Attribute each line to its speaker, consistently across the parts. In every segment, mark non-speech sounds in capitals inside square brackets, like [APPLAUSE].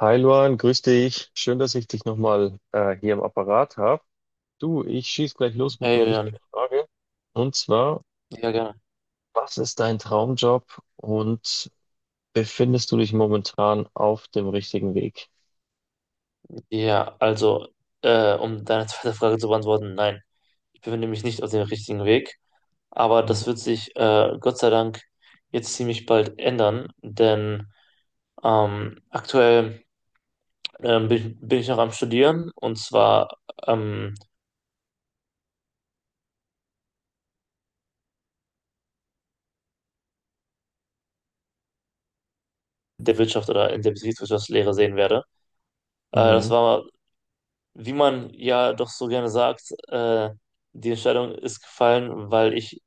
Speaker 1: Hi Luan, grüß dich. Schön, dass ich dich nochmal hier im Apparat habe. Du, ich schieß gleich los mit
Speaker 2: Hey
Speaker 1: einer wichtigen
Speaker 2: Julian,
Speaker 1: Frage. Und zwar,
Speaker 2: ja gerne.
Speaker 1: was ist dein Traumjob und befindest du dich momentan auf dem richtigen Weg?
Speaker 2: Ja, also um deine zweite Frage zu beantworten, nein, ich befinde mich nicht auf dem richtigen Weg, aber das
Speaker 1: Mhm.
Speaker 2: wird sich Gott sei Dank jetzt ziemlich bald ändern, denn aktuell bin ich noch am Studieren und zwar ähm, der Wirtschaft oder in der Betriebswirtschaftslehre sehen werde. Das
Speaker 1: Mhm.
Speaker 2: war, wie man ja doch so gerne sagt, die Entscheidung ist gefallen, weil ich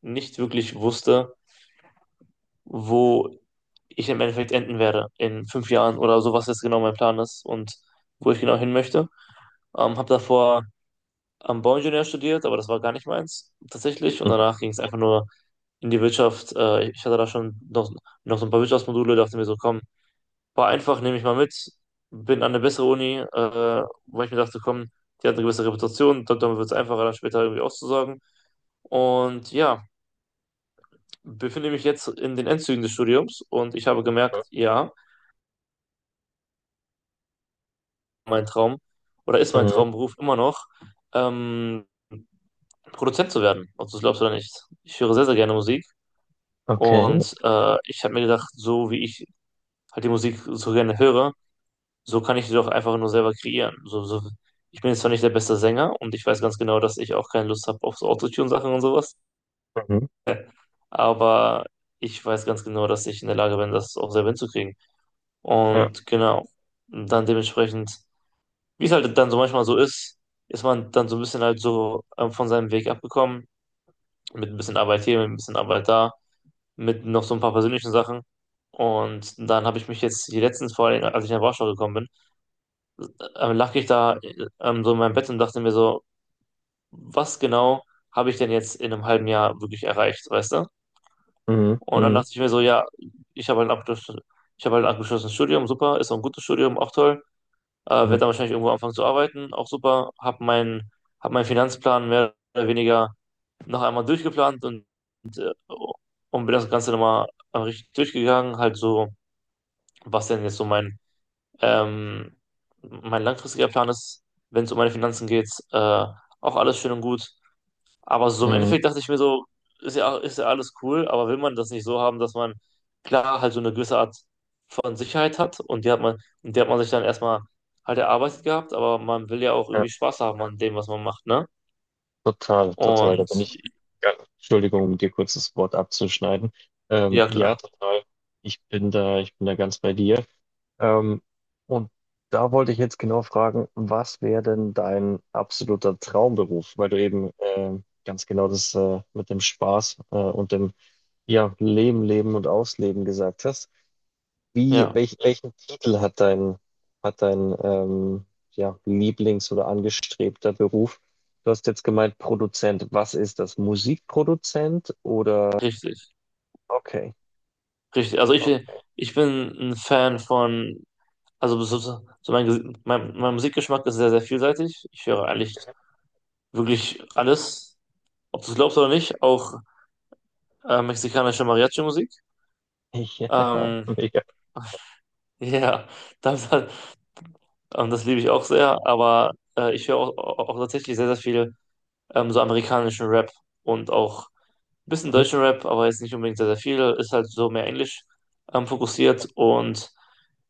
Speaker 2: nicht wirklich wusste, wo ich im Endeffekt enden werde in fünf Jahren oder so, was jetzt genau mein Plan ist und wo ich genau hin möchte. Habe davor am Bauingenieur studiert, aber das war gar nicht meins tatsächlich. Und
Speaker 1: Mhm.
Speaker 2: danach ging es einfach nur in die Wirtschaft. Ich hatte da schon noch so ein paar Wirtschaftsmodule, dachte mir so, komm, war einfach, nehme ich mal mit. Bin an eine bessere Uni, weil ich mir dachte, komm, die hat eine gewisse Reputation, damit wird es einfacher, dann später irgendwie auszusagen. Und ja, befinde mich jetzt in den Endzügen des Studiums und ich habe gemerkt,
Speaker 1: Mhm.
Speaker 2: ja, mein Traum oder ist mein
Speaker 1: Mhm.
Speaker 2: Traumberuf immer noch, ähm, Produzent zu werden, ob du es glaubst oder nicht. Ich höre sehr, sehr gerne Musik
Speaker 1: Okay.
Speaker 2: und ich habe mir gedacht, so wie ich halt die Musik so gerne höre, so kann ich sie doch einfach nur selber kreieren. Ich bin jetzt zwar nicht der beste Sänger und ich weiß ganz genau, dass ich auch keine Lust habe auf so Autotune-Sachen und sowas,
Speaker 1: Mhm.
Speaker 2: aber ich weiß ganz genau, dass ich in der Lage bin, das auch selber hinzukriegen.
Speaker 1: Ja.
Speaker 2: Und genau, dann dementsprechend. Wie es halt dann so manchmal so ist man dann so ein bisschen halt so von seinem Weg abgekommen, mit ein bisschen Arbeit hier, mit ein bisschen Arbeit da, mit noch so ein paar persönlichen Sachen. Und dann habe ich mich jetzt hier letztens vor allem, als ich nach Warschau gekommen bin, lag ich da so in meinem Bett und dachte mir so, was genau habe ich denn jetzt in einem halben Jahr wirklich erreicht, weißt du?
Speaker 1: Mhm.
Speaker 2: Und dann
Speaker 1: Mhm.
Speaker 2: dachte ich mir so, ja, ich habe halt ein Abschluss, ich habe halt ein abgeschlossenes Studium, super, ist auch ein gutes Studium, auch toll. Werde
Speaker 1: Mhm.
Speaker 2: dann wahrscheinlich irgendwo anfangen zu arbeiten, auch super, hab meinen Finanzplan mehr oder weniger noch einmal durchgeplant und, äh, und bin das Ganze nochmal richtig durchgegangen, halt so, was denn jetzt so mein, ähm, mein langfristiger Plan ist, wenn es um meine Finanzen geht, auch alles schön und gut, aber so im
Speaker 1: Mhm.
Speaker 2: Endeffekt dachte ich mir so, ist ja alles cool, aber will man das nicht so haben, dass man klar halt so eine gewisse Art von Sicherheit hat und die hat man sich dann erstmal halt erarbeitet gehabt, aber man will ja auch
Speaker 1: Ja.
Speaker 2: irgendwie Spaß haben an dem, was man macht, ne?
Speaker 1: Total, total. Da
Speaker 2: Und
Speaker 1: bin ich. Ja. Entschuldigung, um dir kurz das Wort abzuschneiden.
Speaker 2: ja,
Speaker 1: Ja,
Speaker 2: klar,
Speaker 1: total. Ich bin da ganz bei dir. Ähm, und da wollte ich jetzt genau fragen, was wäre denn dein absoluter Traumberuf? Weil du eben ganz genau das mit dem Spaß und dem ja, Leben, Leben und Ausleben gesagt hast. Wie,
Speaker 2: ja,
Speaker 1: welch, welchen Titel hat dein ja, Lieblings- oder angestrebter Beruf? Du hast jetzt gemeint Produzent. Was ist das? Musikproduzent oder?
Speaker 2: richtig,
Speaker 1: Okay,
Speaker 2: richtig. Also
Speaker 1: okay.
Speaker 2: ich bin ein Fan von, also mein, mein Musikgeschmack ist sehr, sehr vielseitig. Ich höre eigentlich wirklich alles, ob du es glaubst oder nicht, auch mexikanische Mariachi-Musik.
Speaker 1: [LAUGHS] Ja,
Speaker 2: Ähm,
Speaker 1: mega.
Speaker 2: [LAUGHS] ja, das, das liebe ich auch sehr, aber ich höre auch tatsächlich sehr, sehr viel so amerikanischen Rap und auch ein bisschen
Speaker 1: Mhm.
Speaker 2: deutschen Rap, aber jetzt nicht unbedingt sehr, sehr viel, ist halt so mehr englisch fokussiert und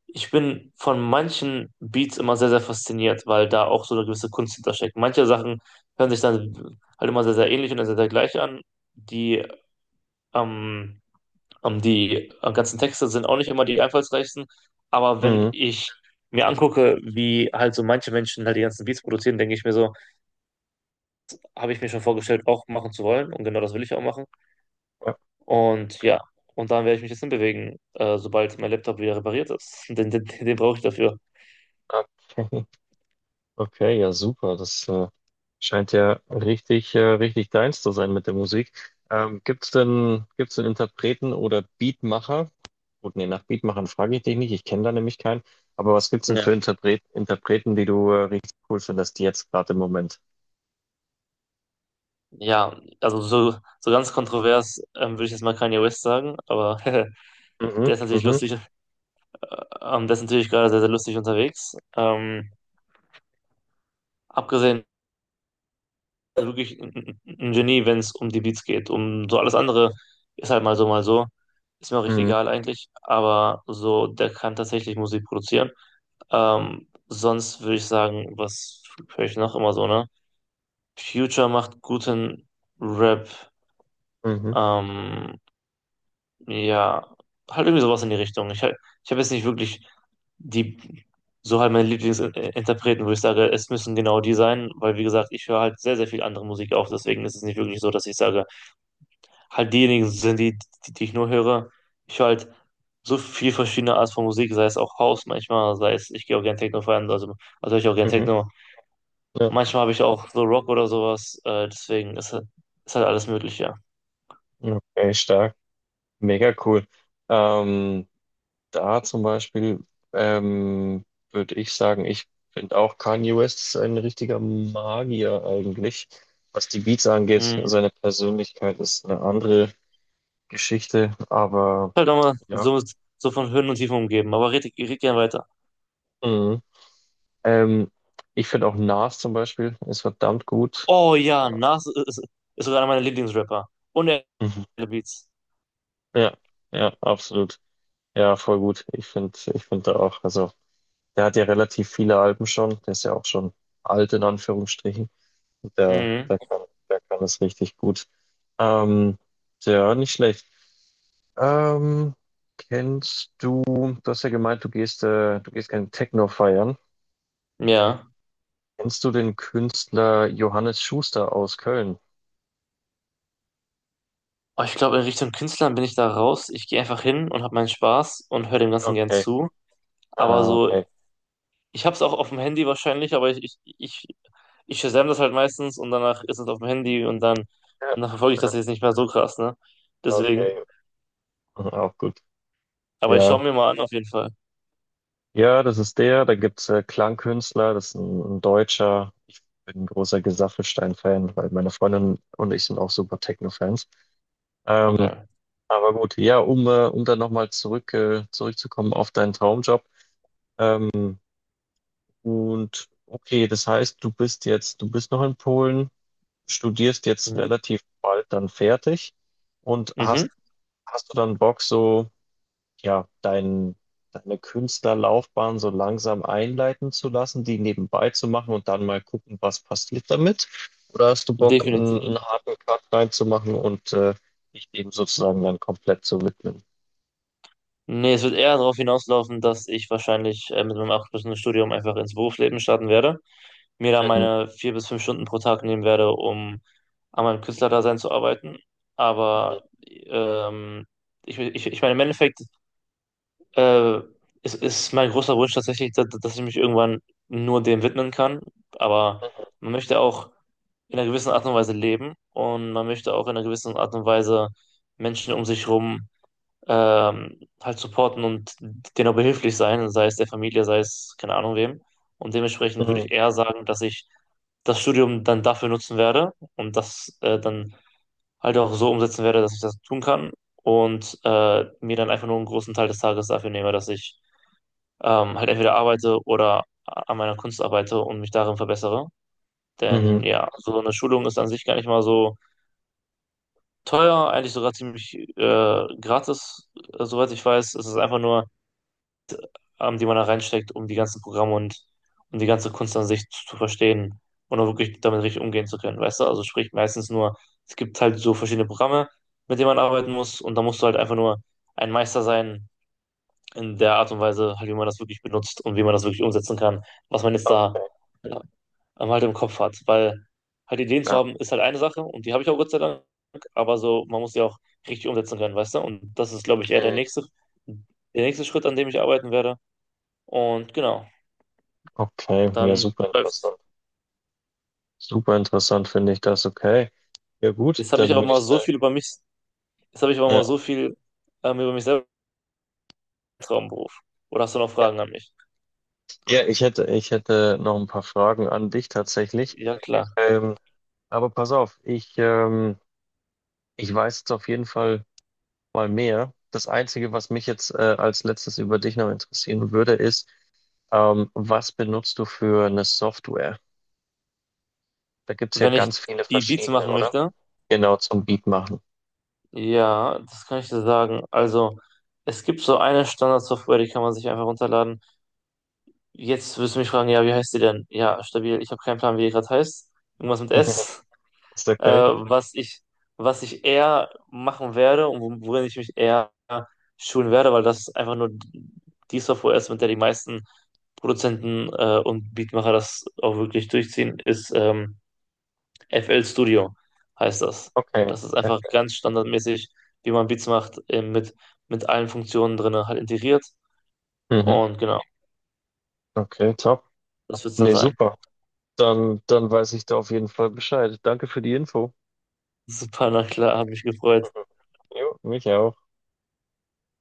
Speaker 2: ich bin von manchen Beats immer sehr, sehr fasziniert, weil da auch so eine gewisse Kunst hintersteckt. Manche Sachen hören sich dann halt immer sehr, sehr ähnlich und sehr, sehr gleich an, die ähm, die ganzen Texte sind auch nicht immer die einfallsreichsten, aber wenn
Speaker 1: Mhm.
Speaker 2: ich mir angucke, wie halt so manche Menschen halt die ganzen Beats produzieren, denke ich mir so, habe ich mir schon vorgestellt, auch machen zu wollen und genau das will ich auch machen.
Speaker 1: Ja,
Speaker 2: Und ja, und dann werde ich mich jetzt hinbewegen, sobald mein Laptop wieder repariert ist. [LAUGHS] Den brauche ich dafür.
Speaker 1: okay. Okay, ja, super. Das scheint ja richtig, richtig deins zu sein mit der Musik. Gibt's denn Interpreten oder Beatmacher? Gut, nee, nach Beatmachern frage ich dich nicht. Ich kenne da nämlich keinen. Aber was gibt's denn für
Speaker 2: Ja,
Speaker 1: Interpreten, die du richtig cool findest, jetzt gerade im Moment?
Speaker 2: ja, so ganz kontrovers würde ich jetzt mal Kanye West sagen, aber [LAUGHS]
Speaker 1: Mhm,
Speaker 2: der ist natürlich
Speaker 1: mhm,
Speaker 2: lustig, der ist natürlich gerade sehr, sehr lustig unterwegs. Abgesehen also wirklich ein Genie, wenn es um die Beats geht. Um so alles andere ist halt mal so, mal so. Ist mir auch recht
Speaker 1: mhm,
Speaker 2: egal eigentlich. Aber so, der kann tatsächlich Musik produzieren. Sonst würde ich sagen, was höre ich noch immer so, ne? Future macht guten Rap.
Speaker 1: mhm,
Speaker 2: Ähm, ja, halt irgendwie sowas in die Richtung. Ich habe jetzt nicht wirklich die, so halt meine Lieblingsinterpreten, wo ich sage, es müssen genau die sein, weil wie gesagt, ich höre halt sehr, sehr viel andere Musik auf. Deswegen ist es nicht wirklich so, dass ich sage, halt diejenigen sind, die ich nur höre. Ich höre halt so viel verschiedene Art von Musik, sei es auch House manchmal, sei es, ich gehe auch gerne Techno feiern, also höre ich auch gerne
Speaker 1: mhm.
Speaker 2: Techno.
Speaker 1: Ja,
Speaker 2: Manchmal habe ich auch so Rock oder sowas, deswegen ist halt alles möglich, ja.
Speaker 1: okay, stark. Mega cool. Ähm, da zum Beispiel ähm, würde ich sagen, ich finde auch Kanye West ist ein richtiger Magier eigentlich. Was die Beats angeht,
Speaker 2: Mhm.
Speaker 1: seine Persönlichkeit ist eine andere Geschichte, aber
Speaker 2: Halt nochmal
Speaker 1: ja.
Speaker 2: so, so von Höhen und Tiefen umgeben, aber red gerne weiter.
Speaker 1: Mhm. Ähm, ich finde auch Nas zum Beispiel ist verdammt gut.
Speaker 2: Oh ja, ist sogar einer meiner Lieblingsrapper. Und er
Speaker 1: Mhm.
Speaker 2: hat Beats.
Speaker 1: Ja, ja, absolut. Ja, voll gut. Ich finde da auch, also der hat ja relativ viele Alben schon, der ist ja auch schon alt in Anführungsstrichen. Der,
Speaker 2: Mhm.
Speaker 1: der kann es richtig gut. Ähm, ja, nicht schlecht. Ähm, kennst du, du hast ja gemeint, du gehst gerne Techno feiern.
Speaker 2: Ja.
Speaker 1: Kennst du den Künstler Johannes Schuster aus Köln?
Speaker 2: Aber ich glaube, in Richtung Künstlern bin ich da raus. Ich gehe einfach hin und habe meinen Spaß und höre dem Ganzen gern
Speaker 1: Okay.
Speaker 2: zu. Aber
Speaker 1: Ah,
Speaker 2: so,
Speaker 1: okay.
Speaker 2: ich hab's auch auf dem Handy wahrscheinlich, aber ich Shazam das halt meistens und danach ist es auf dem Handy
Speaker 1: Ja,
Speaker 2: und dann verfolge ich
Speaker 1: ja,
Speaker 2: das jetzt nicht mehr so krass, ne?
Speaker 1: okay.
Speaker 2: Deswegen.
Speaker 1: [LAUGHS] Mhm, auch gut.
Speaker 2: Aber ich
Speaker 1: Ja.
Speaker 2: schaue mir mal an, auf jeden Fall.
Speaker 1: Ja, das ist der. Da gibt's Klangkünstler, das ist ein Deutscher. Ich bin ein großer Gesaffelstein-Fan, weil meine Freundin und ich sind auch super Techno-Fans. Ähm,
Speaker 2: Okay.
Speaker 1: Aber gut, ja, um, um dann nochmal zurück, zurückzukommen auf deinen Traumjob. Und okay, das heißt, du bist jetzt, du bist noch in Polen, studierst jetzt
Speaker 2: Mhm.
Speaker 1: relativ bald dann fertig und
Speaker 2: Mhm.
Speaker 1: hast, hast du dann Bock, so, ja, dein, deine Künstlerlaufbahn so langsam einleiten zu lassen, die nebenbei zu machen und dann mal gucken, was passiert damit? Oder hast du Bock, einen,
Speaker 2: Definitiv.
Speaker 1: einen harten Cut reinzumachen und dich dem sozusagen dann komplett zu widmen?
Speaker 2: Nee, es wird eher darauf hinauslaufen, dass ich wahrscheinlich mit meinem abgeschlossenen Studium einfach ins Berufsleben starten werde. Mir da
Speaker 1: Mhm.
Speaker 2: meine vier bis fünf Stunden pro Tag nehmen werde, um an meinem Künstlerdasein zu arbeiten.
Speaker 1: Mhm.
Speaker 2: Aber ich meine, im Endeffekt Äh, es ist mein großer Wunsch tatsächlich, dass ich mich irgendwann nur dem widmen kann. Aber man möchte auch in einer gewissen Art und Weise leben und man möchte auch in einer gewissen Art und Weise Menschen um sich herum halt supporten und denen auch behilflich sein, sei es der Familie, sei es keine Ahnung wem. Und dementsprechend würde
Speaker 1: Mhm.
Speaker 2: ich eher sagen, dass ich das Studium dann dafür nutzen werde und das dann halt auch so umsetzen werde, dass ich das tun kann und mir dann einfach nur einen großen Teil des Tages dafür nehme, dass ich halt entweder arbeite oder an meiner Kunst arbeite und mich darin verbessere. Denn
Speaker 1: Mhm.
Speaker 2: ja, so eine Schulung ist an sich gar nicht mal so teuer, eigentlich sogar ziemlich gratis, soweit ich weiß. Es ist einfach nur, die man da reinsteckt, um die ganzen Programme und um die ganze Kunst an sich zu verstehen und auch wirklich damit richtig umgehen zu können, weißt du? Also sprich meistens nur, es gibt halt so verschiedene Programme, mit denen man arbeiten muss und da musst du halt einfach nur ein Meister sein in der Art und Weise, halt, wie man das wirklich benutzt und wie man das wirklich umsetzen kann, was man jetzt da
Speaker 1: Okay,
Speaker 2: ähm, halt im Kopf hat. Weil halt Ideen zu
Speaker 1: klar.
Speaker 2: haben, ist halt eine Sache und die habe ich auch Gott sei Dank, aber so, man muss die auch richtig umsetzen können, weißt du? Und das ist, glaube ich, eher der
Speaker 1: Mhm.
Speaker 2: nächste, der nächste Schritt, an dem ich arbeiten werde. Und genau,
Speaker 1: Okay, ja,
Speaker 2: dann
Speaker 1: super
Speaker 2: läuft's.
Speaker 1: interessant. Super interessant finde ich das. Okay. Ja, gut,
Speaker 2: Jetzt habe ich
Speaker 1: dann
Speaker 2: aber
Speaker 1: würde
Speaker 2: mal
Speaker 1: ich
Speaker 2: so
Speaker 1: sagen.
Speaker 2: viel über mich, jetzt habe ich aber
Speaker 1: Ja.
Speaker 2: mal so viel über mich selber im Traumberuf. Oder hast du noch Fragen an mich?
Speaker 1: Ja, ich hätte noch ein paar Fragen an dich tatsächlich.
Speaker 2: Ja, klar.
Speaker 1: Ähm, aber pass auf, ich, ich weiß jetzt auf jeden Fall mal mehr. Das Einzige, was mich jetzt als letztes über dich noch interessieren würde, ist, was benutzt du für eine Software? Da gibt es ja
Speaker 2: Wenn ich
Speaker 1: ganz viele
Speaker 2: die Beats
Speaker 1: verschiedene,
Speaker 2: machen
Speaker 1: oder?
Speaker 2: möchte,
Speaker 1: Genau, zum Beat machen.
Speaker 2: ja, das kann ich dir sagen. Also, es gibt so eine Standardsoftware, die kann man sich einfach runterladen. Jetzt wirst du mich fragen, ja, wie heißt die denn? Ja, stabil. Ich habe keinen Plan, wie die gerade heißt. Irgendwas mit
Speaker 1: [LAUGHS]
Speaker 2: S.
Speaker 1: Ist
Speaker 2: Äh,
Speaker 1: okay.
Speaker 2: was ich, was ich eher machen werde und worin ich mich eher schulen werde, weil das einfach nur die Software ist, mit der die meisten Produzenten und Beatmacher das auch wirklich durchziehen, ist FL Studio heißt das.
Speaker 1: Okay,
Speaker 2: Das ist einfach ganz
Speaker 1: FNs.
Speaker 2: standardmäßig, wie man Beats macht, eben mit allen Funktionen drin halt integriert.
Speaker 1: Mhm.
Speaker 2: Und genau,
Speaker 1: Okay, top.
Speaker 2: das wird es dann
Speaker 1: Nee,
Speaker 2: sein.
Speaker 1: super. Dann, dann weiß ich da auf jeden Fall Bescheid. Danke für die Info.
Speaker 2: [LAUGHS] Super, na klar, habe mich gefreut.
Speaker 1: Mhm. Jo, mich auch.